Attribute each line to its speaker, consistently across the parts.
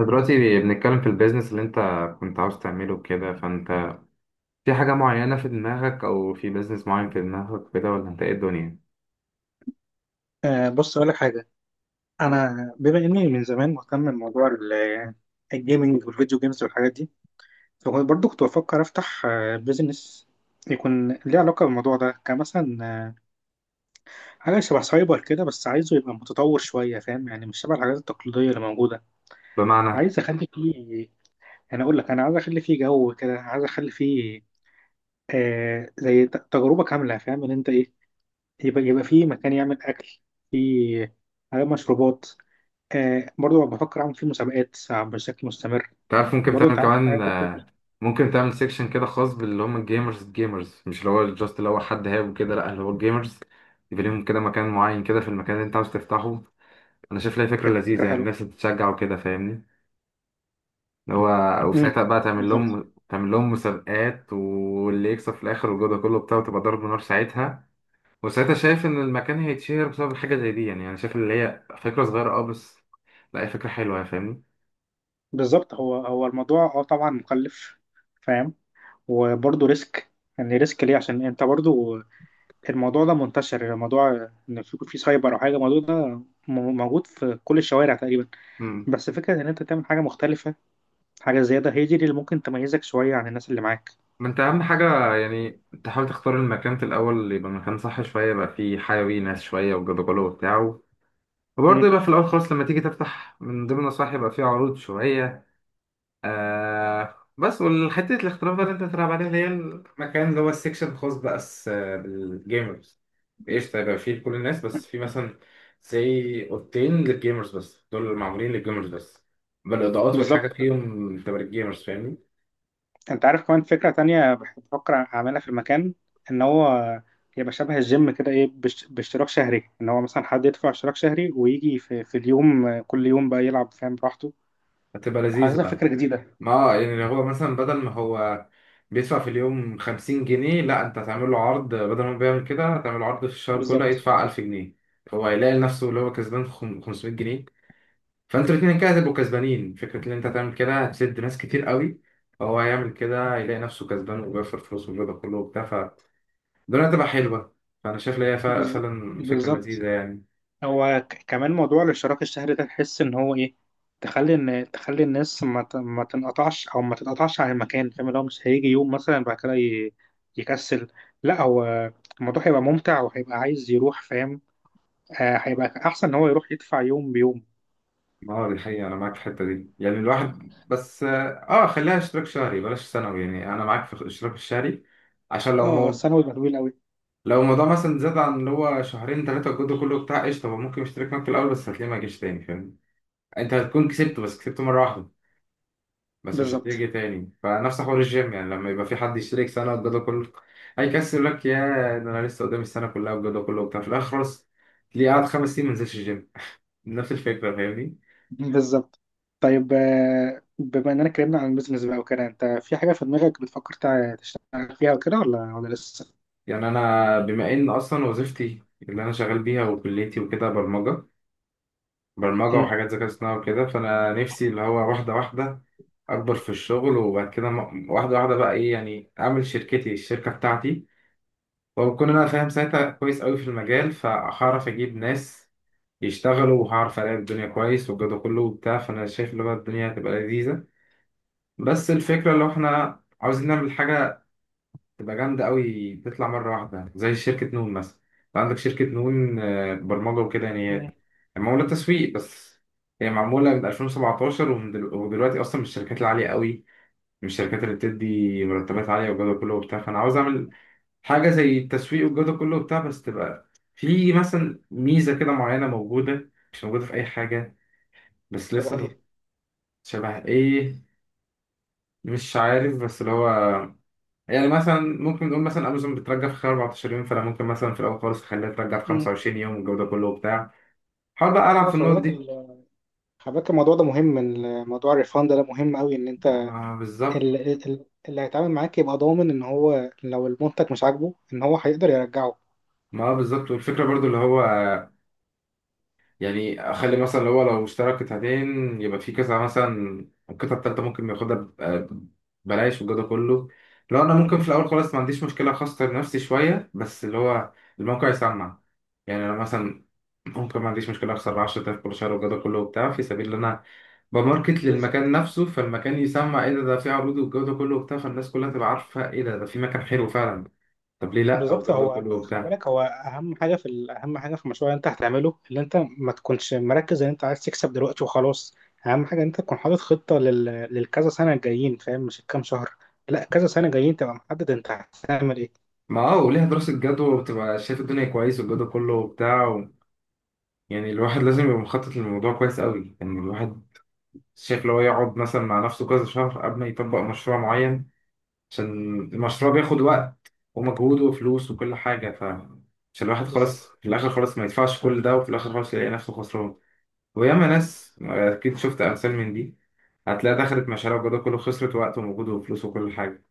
Speaker 1: إحنا دلوقتي بنتكلم في البيزنس اللي انت كنت عاوز تعمله كده، فانت في حاجة معينة في دماغك او في بيزنس معين في دماغك كده، ولا انت ايه الدنيا
Speaker 2: بص أقول لك حاجة. أنا بما إني من زمان مهتم بموضوع الجيمنج والفيديو جيمز والحاجات دي، فكنت برضه بفكر أفتح بيزنس يكون ليه علاقة بالموضوع ده، كمثلا حاجة شبه سايبر كده، بس عايزه يبقى متطور شوية، فاهم يعني؟ مش شبه الحاجات التقليدية اللي موجودة.
Speaker 1: بمعنى؟
Speaker 2: عايز أخلي فيه، أنا أقول لك، أنا عايز أخلي فيه جو كده، عايز أخلي فيه آه زي تجربة كاملة، فاهم إن أنت إيه؟ يبقى فيه مكان يعمل أكل، فيه حاجات، مشروبات، آه برضو بفكر اعمل فيه مسابقات بشكل مستمر.
Speaker 1: تعرف ممكن
Speaker 2: برضو انت
Speaker 1: تعمل
Speaker 2: عارف
Speaker 1: كمان،
Speaker 2: الحاجات دي بتفرق.
Speaker 1: ممكن تعمل سيكشن كده خاص باللي هم الجيمرز. الجيمرز مش اللي هو جاست اللي هو حد هاب كده، لا اللي هو الجيمرز. يبقى لهم كده مكان معين كده في المكان اللي انت عاوز تفتحه. انا شايف لها فكرة
Speaker 2: فكره
Speaker 1: لذيذة، يعني
Speaker 2: حلوه.
Speaker 1: الناس بتتشجع وكده فاهمني. اللي هو
Speaker 2: امم
Speaker 1: وساعتها بقى تعمل
Speaker 2: بالظبط.
Speaker 1: لهم تعمل لهم مسابقات، واللي يكسب في الاخر والجو ده كله بتاعه، تبقى ضرب نار ساعتها. وساعتها شايف ان المكان هيتشهر بسبب حاجه زي دي. يعني انا شايف اللي هي فكره صغيره بس لا، هي فكره حلوه يعني، فاهمني.
Speaker 2: بالظبط. هو الموضوع اه طبعا مكلف، فاهم؟ وبرضو ريسك، يعني ريسك ليه؟ عشان انت برضو الموضوع ده منتشر، الموضوع ان في سايبر او حاجه، الموضوع ده موجود في كل الشوارع تقريبا.
Speaker 1: امم
Speaker 2: بس فكره ان انت تعمل حاجه مختلفه، حاجه زياده، هي دي اللي ممكن تميزك شويه عن الناس اللي معاك.
Speaker 1: ما انت اهم حاجه يعني تحاول تختار المكان في الاول اللي يبقى مكان صح شويه، يبقى فيه حيوي ناس شويه وجدجله وبتاع. وبرضه
Speaker 2: امم
Speaker 1: يبقى في الاول خالص لما تيجي تفتح، من ضمن النصائح يبقى فيه عروض شويه، بس. والحتة الاختلاف بقى اللي انت بتلعب عليها اللي هي المكان اللي هو السكشن الخاص بقى بس، بالجيمرز. ايش طيب فيه لكل الناس، بس في مثلا زي اوضتين للجيمرز بس، دول اللي معمولين للجيمرز بس، بالاضاءات والحاجة
Speaker 2: بالظبط.
Speaker 1: فيهم تبقى للجيمرز فاهمني.
Speaker 2: انت عارف كمان فكرة تانية بفكر اعملها في المكان، ان هو يبقى شبه الجيم كده، ايه باشتراك شهري، ان هو مثلا حد يدفع اشتراك شهري ويجي في اليوم، كل يوم بقى يلعب فاهم، براحته.
Speaker 1: هتبقى لذيذة
Speaker 2: حاسسها
Speaker 1: آه.
Speaker 2: فكرة جديدة.
Speaker 1: ما يعني هو مثلا بدل ما هو بيدفع في اليوم 50 جنيه، لا انت هتعمل له عرض، بدل ما هو بيعمل كده هتعمل له عرض في الشهر كله
Speaker 2: بالظبط.
Speaker 1: يدفع 1000 جنيه. هو هيلاقي نفسه اللي هو كسبان 500 جنيه. فانتوا الاثنين كده هتبقوا كسبانين. فكره ان انت تعمل كده هتسد ناس كتير قوي، فهو هيعمل كده يلاقي نفسه كسبان، وبيخسر فلوس والرضا كله وبتاع، فالدنيا هتبقى حلوه. فانا شايف ان هي فعلا فكره
Speaker 2: بالظبط،
Speaker 1: لذيذه يعني.
Speaker 2: هو كمان موضوع الاشتراك الشهري ده تحس ان هو ايه؟ تخلي ان تخلي الناس ما ما تنقطعش او ما تتقطعش عن المكان، فاهم؟ اللي هو مش هيجي يوم مثلا بعد كده يكسل، لا، هو الموضوع هيبقى ممتع، وهيبقى عايز يروح فاهم، هيبقى احسن ان هو يروح يدفع يوم بيوم.
Speaker 1: اه، دي حقيقه، انا معاك في الحته دي يعني، الواحد بس اه خليها اشتراك شهري بلاش سنوي، يعني انا معاك في الاشتراك الشهري. عشان لو
Speaker 2: اه
Speaker 1: مو...
Speaker 2: السنه يبقى طويل قوي.
Speaker 1: لو الموضوع مثلا زاد عن اللي هو شهرين ثلاثه الجد كله بتاع قشطه، هو ممكن يشترك معاك في الاول، بس هتلاقيه ما جاش تاني فاهم. انت هتكون كسبته بس كسبته مره واحده، بس مش
Speaker 2: بالظبط.
Speaker 1: هتيجي تاني. فنفس حوار الجيم، يعني لما يبقى في حد يشترك سنة والجدول كله هيكسر لك، يا ده انا لسه قدامي السنة كلها والجدول كله وبتاع، في الآخر خلاص تلاقيه قاعد خمس سنين ما نزلش الجيم. نفس الفكرة فاهمني.
Speaker 2: بالظبط. طيب بما اننا اتكلمنا عن البيزنس بقى وكده، انت في حاجه في دماغك بتفكر تشتغل فيها وكده ولا لسه؟
Speaker 1: يعني أنا بما إن أصلا وظيفتي اللي أنا شغال بيها وكليتي وكده برمجة، برمجة
Speaker 2: مم.
Speaker 1: وحاجات ذكاء اصطناعي وكده، فأنا نفسي اللي هو واحدة واحدة أكبر في الشغل، وبعد كده واحدة واحدة بقى إيه يعني أعمل شركتي، الشركة بتاعتي. وبكون أنا فاهم ساعتها كويس أوي في المجال، فهعرف أجيب ناس يشتغلوا، وهعرف الاقي الدنيا كويس والجو ده كله وبتاع. فانا شايف اللي هو الدنيا هتبقى لذيذه. بس الفكره لو احنا عاوزين نعمل حاجه تبقى جامده قوي، تطلع مره واحده زي شركه نون مثلا. انت عندك شركه نون، برمجه وكده يعني هي
Speaker 2: مم.
Speaker 1: معموله تسويق بس. هي معموله من 2017، ومن دل- ودلوقتي اصلا من الشركات العاليه قوي، من الشركات اللي بتدي مرتبات عاليه والجو ده كله وبتاع. فانا عاوز اعمل حاجه زي التسويق والجو ده كله وبتاع، بس تبقى في مثلا ميزه كده معينه موجوده مش موجوده في اي حاجه بس
Speaker 2: شبه
Speaker 1: لسه.
Speaker 2: ايه؟
Speaker 1: شبه ايه؟ مش عارف بس اللي هو يعني مثلا ممكن نقول مثلا امازون بترجع في خلال 14 يوم، فانا ممكن مثلا في الاول خالص اخليها ترجع في
Speaker 2: مم.
Speaker 1: 25 يوم والجو ده كله وبتاع. حاول بقى العب
Speaker 2: اه
Speaker 1: في
Speaker 2: خلي
Speaker 1: النقط
Speaker 2: بالك
Speaker 1: دي.
Speaker 2: خلي بالك الموضوع ده مهم، موضوع الريفاند ده مهم قوي ان انت
Speaker 1: آه بالظبط.
Speaker 2: ال- اللي هيتعامل معاك يبقى ضامن ان هو لو المنتج مش عاجبه ان هو هيقدر يرجعه.
Speaker 1: ما آه بالظبط، والفكره برضو اللي هو يعني اخلي مثلا اللي هو لو اشترى قطعتين يبقى في كذا، مثلا القطعه التالته ممكن ياخدها بلاش والجو ده كله. لو انا
Speaker 2: مم.
Speaker 1: ممكن في الاول خالص ما عنديش مشكله اخسر نفسي شويه، بس اللي هو الموقع يسمع. يعني انا مثلا ممكن ما عنديش مشكلة أخسر 10,000 كل شهر والجو ده كله وبتاع، في سبيل إن أنا بماركت للمكان
Speaker 2: بالظبط.
Speaker 1: نفسه، فالمكان يسمع إيه ده، في عروض والجو ده كله وبتاع، فالناس كلها تبقى عارفة إيه ده، في مكان حلو فعلا. طب ليه لأ؟
Speaker 2: بالظبط،
Speaker 1: والجو ده
Speaker 2: هو
Speaker 1: كله
Speaker 2: خلي
Speaker 1: وبتاع.
Speaker 2: بالك، هو اهم حاجه في اهم حاجه في المشروع اللي انت هتعمله، اللي انت ما تكونش مركز ان انت عايز تكسب دلوقتي وخلاص. اهم حاجه ان انت تكون حاطط خطه للكذا سنه الجايين، فاهم؟ مش الكام شهر، لا، كذا سنه جايين تبقى محدد انت هتعمل ايه.
Speaker 1: ما أه، وليها دراسة جدوى، وبتبقى شايف الدنيا كويس والجو ده كله وبتاع و... يعني الواحد لازم يبقى مخطط للموضوع كويس قوي، يعني الواحد شايف لو يقعد مثلا مع نفسه كذا شهر قبل ما يطبق مشروع معين، عشان المشروع بياخد وقت ومجهود وفلوس وكل حاجة. ف عشان الواحد خلاص
Speaker 2: بالظبط.
Speaker 1: في الآخر خلاص ما يدفعش كل ده، وفي الآخر خلاص يلاقي نفسه خسران. وياما ناس أكيد شفت أمثال من دي، هتلاقي دخلت مشاريع وجوده كله، خسرت وقت ومجهود وفلوس وكل حاجة.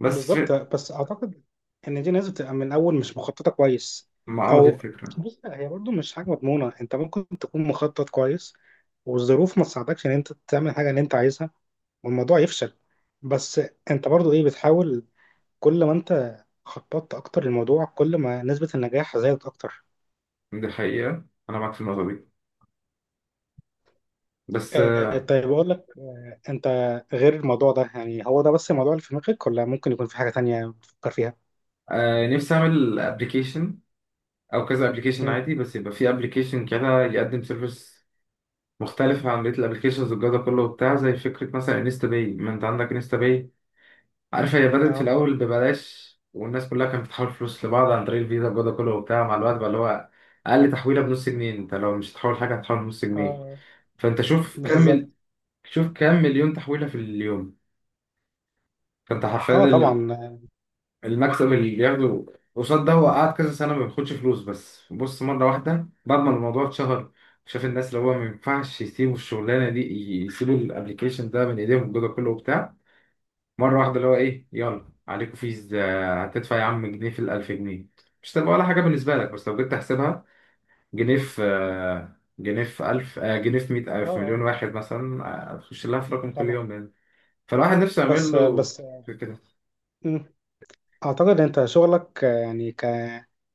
Speaker 1: بس في-
Speaker 2: بالظبط، بس اعتقد ان دي ناس بتبقى من الاول مش مخططه كويس.
Speaker 1: ما اه دي
Speaker 2: او
Speaker 1: الفكرة.
Speaker 2: بص هي برضو مش حاجه مضمونه، انت ممكن تكون مخطط كويس والظروف ما تساعدكش ان انت تعمل حاجه اللي انت عايزها، والموضوع يفشل. بس انت برضو ايه بتحاول، كل ما انت خططت اكتر للموضوع كل ما نسبة النجاح زادت اكتر.
Speaker 1: دي الحقيقة، أنا معاك في النقطة دي بس.
Speaker 2: آه طيب اقول لك آه، انت غير الموضوع ده يعني، هو ده بس الموضوع اللي في دماغك ولا ممكن يكون في حاجة تانية بتفكر فيها؟
Speaker 1: آه نفسي أعمل أبلكيشن أو كذا أبلكيشن
Speaker 2: امم
Speaker 1: عادي، بس يبقى في أبلكيشن كده يقدم سيرفيس مختلف عن بقية الأبلكيشنز والجودة كله وبتاع. زي فكرة مثلا انستا باي، ما أنت عندك انستا باي، عارف هي بدأت في
Speaker 2: اه.
Speaker 1: الأول ببلاش، والناس كلها كانت بتحول فلوس لبعض عن طريق الفيزا وجوده كله وبتاع. مع الوقت بقى اللي هو أقل تحويلة بنص جنيه، أنت لو مش هتحول حاجة هتحول بنص جنيه.
Speaker 2: اه.
Speaker 1: فأنت
Speaker 2: بالظبط.
Speaker 1: شوف كم مليون تحويلة في اليوم. فأنت حرفيا
Speaker 2: اه طبعا.
Speaker 1: المكسب اللي بياخده قصاد ده، هو قعد كذا سنة ما بياخدش فلوس، بس بص مرة واحدة بعد ما الموضوع اتشهر، شاف الناس اللي هو ما ينفعش يسيبوا الشغلانة دي، يسيبوا الابلكيشن ده من ايديهم الجوده كله وبتاع. مرة واحدة اللي هو إيه يلا عليكم فيز، هتدفع يا عم جنيه في الألف جنيه، مش هتبقى ولا حاجة بالنسبة لك. بس لو جيت تحسبها جنيه في جنيه في ألف، جنيه في مية،
Speaker 2: اه.
Speaker 1: في مليون
Speaker 2: اه
Speaker 1: واحد مثلا، هتخش لها في رقم كل
Speaker 2: طبعا.
Speaker 1: يوم يعني. فالواحد نفسه يعمل له
Speaker 2: بس.
Speaker 1: كده.
Speaker 2: مم. اعتقد انت شغلك يعني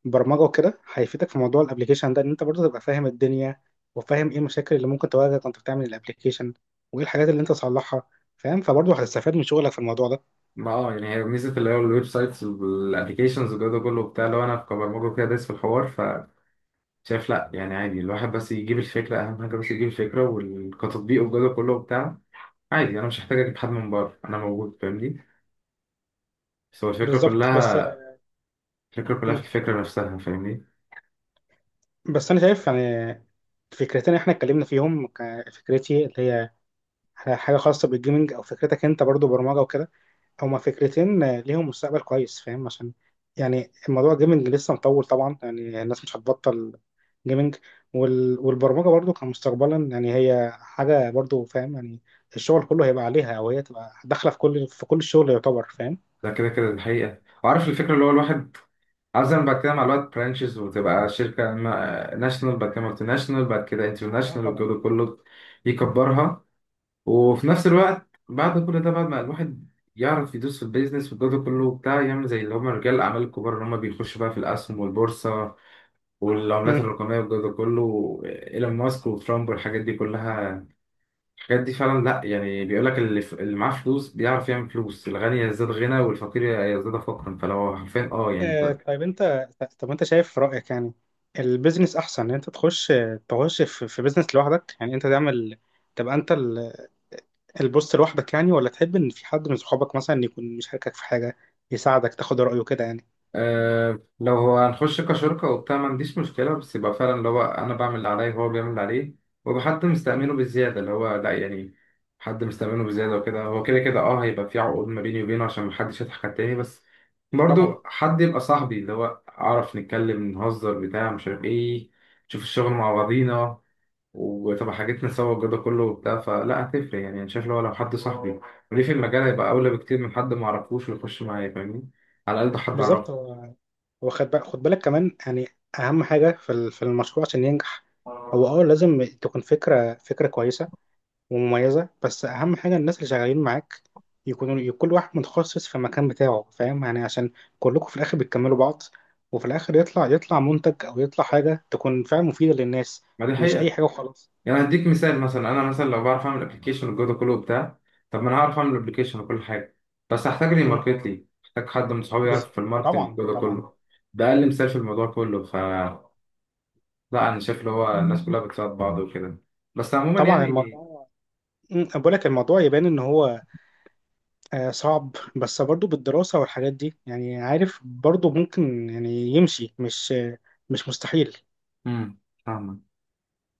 Speaker 2: كبرمجه وكده هيفيدك في موضوع الابليكيشن ده، ان انت برضه تبقى فاهم الدنيا، وفاهم ايه المشاكل اللي ممكن تواجهك وانت بتعمل الابليكيشن، وايه الحاجات اللي انت تصلحها، فاهم؟ فبرضه هتستفاد من شغلك في الموضوع ده.
Speaker 1: ما اه، يعني هي ميزة اللي هو الويب سايتس والابلكيشنز والجو ده كله وبتاع، لو انا كبرمجة كده دايس في الحوار، فشايف لا يعني عادي الواحد بس يجيب الفكرة، أهم حاجة بس يجيب الفكرة والكتطبيق والجو ده كله وبتاع. عادي أنا مش محتاج أجيب حد من بره، أنا موجود فاهمني. بس هو الفكرة
Speaker 2: بالظبط بس
Speaker 1: كلها، الفكرة كلها في
Speaker 2: مم.
Speaker 1: الفكرة نفسها فاهمني.
Speaker 2: بس انا شايف يعني فكرتين احنا اتكلمنا فيهم، فكرتي اللي هي حاجه خاصه بالجيمنج، او فكرتك انت برضه برمجه وكده، هما فكرتين ليهم مستقبل كويس فاهم، عشان يعني الموضوع جيمنج لسه مطول طبعا، يعني الناس مش هتبطل جيمنج، والبرمجة برضو كمستقبلا يعني هي حاجة برضو فاهم يعني، الشغل كله هيبقى عليها او هي تبقى داخلة في كل كل الشغل يعتبر، فاهم؟
Speaker 1: ده كده كده الحقيقة. وعارف الفكرة اللي هو الواحد عاوز، أنا بعد كده مع الوقت برانشز، وتبقى شركة ناشونال، بعد كده مالتي ناشونال، بعد كده
Speaker 2: اه
Speaker 1: انترناشونال
Speaker 2: طبعا.
Speaker 1: والجو ده كله، يكبرها. وفي نفس الوقت بعد كل ده، بعد ما الواحد يعرف يدوس في البيزنس والجو ده كله وبتاع، يعمل زي اللي هم رجال الأعمال الكبار اللي هم بيخشوا بقى في الأسهم والبورصة والعملات
Speaker 2: مم.
Speaker 1: الرقمية والجو ده كله، إيلون ماسك وترامب والحاجات دي كلها. الحاجات دي فعلا لا يعني، بيقول لك اللي معاه فلوس بيعرف يعمل فلوس، الغني يزداد غنى والفقير يزداد فقرا. فلو حرفيا اه يعني انت.
Speaker 2: آه طيب انت، طب انت شايف في رأيك يعني البيزنس احسن ان انت تخش في بيزنس لوحدك؟ يعني انت تعمل تبقى انت البوست لوحدك يعني، ولا تحب ان في حد من صحابك مثلا يكون مشاركك في حاجه، يساعدك تاخد رايه كده يعني.
Speaker 1: آه لو هو هنخش كشركة وبتاع ما عنديش مشكلة، بس يبقى فعلا اللي هو أنا بعمل اللي عليا وهو بيعمل اللي عليه، ويبقى حد مستأمنه
Speaker 2: مم.
Speaker 1: بالزيادة اللي هو لا يعني، حد مستأمنه بالزيادة وكده. هو كده كده اه هيبقى في عقود ما بيني وبينه عشان محدش يضحك على التاني، بس
Speaker 2: طبعا.
Speaker 1: برضو حد يبقى صاحبي اللي هو أعرف نتكلم نهزر بتاع مش عارف ايه، نشوف الشغل مع بعضينا، وتبقى حاجتنا سوا والجو ده كله وبتاع. فلا هتفرق يعني، انا شايف لو حد صاحبي وليه في المجال هيبقى اولى بكتير من حد ما اعرفوش ويخش معايا فاهمني، على الاقل ده حد
Speaker 2: بالظبط،
Speaker 1: اعرفه.
Speaker 2: هو خد بالك، خد بالك كمان يعني، اهم حاجه في في المشروع عشان ينجح، هو اه لازم تكون فكره كويسه ومميزه، بس اهم حاجه الناس اللي شغالين معاك يكونوا كل واحد متخصص في المكان بتاعه، فاهم يعني؟ عشان كلكم في الاخر بتكملوا بعض، وفي الاخر يطلع منتج او يطلع حاجه تكون فعلا مفيده للناس،
Speaker 1: ما دي
Speaker 2: مش اي
Speaker 1: حقيقه.
Speaker 2: حاجه وخلاص.
Speaker 1: يعني هديك مثال، مثلا انا مثلا لو بعرف اعمل ابلكيشن والجو ده كله وبتاع، طب ما انا هعرف اعمل ابلكيشن وكل حاجه، بس هحتاج لي
Speaker 2: مم.
Speaker 1: ماركت لي، محتاج حد من صحابي يعرف
Speaker 2: بز-
Speaker 1: في الماركتنج
Speaker 2: طبعا
Speaker 1: والجو ده
Speaker 2: طبعا.
Speaker 1: كله. ده اقل مثال في الموضوع كله. ف لا انا شايف اللي هو الناس كلها بتساعد بعض وكده، بس عموما
Speaker 2: طبعا
Speaker 1: يعني.
Speaker 2: الموضوع، أنا بقول لك الموضوع يبان ان هو صعب، بس برضو بالدراسة والحاجات دي يعني عارف، برضو ممكن يعني يمشي، مش مش مستحيل.
Speaker 1: امم فاهمك.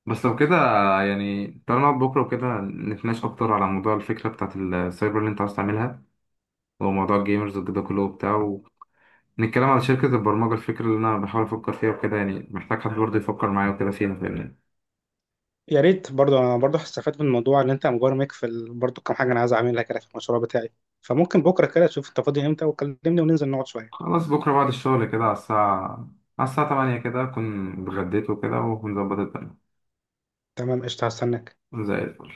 Speaker 1: بس لو كده يعني، تعالى نقعد بكرة وكده نتناقش أكتر على موضوع الفكرة بتاعت السايبر اللي أنت عايز تعملها، وموضوع الجيمرز وكده كله وبتاع، ونتكلم على شركة البرمجة الفكرة اللي أنا بحاول أفكر فيها وكده. يعني محتاج حد برضه يفكر معايا وكده فيها فاهمني.
Speaker 2: يا ريت، برضو انا برضو هستفاد من الموضوع ان انت مبرمج في برضو كم حاجة انا عايز اعملها كده في المشروع بتاعي، فممكن بكرة كده تشوف انت فاضي امتى وكلمني وننزل نقعد شوية.
Speaker 1: خلاص، بكرة بعد الشغل كده على الساعة تمانية كده أكون اتغديت وكده، ونظبط الدنيا.
Speaker 2: تمام قشطة هستناك.
Speaker 1: زي الفل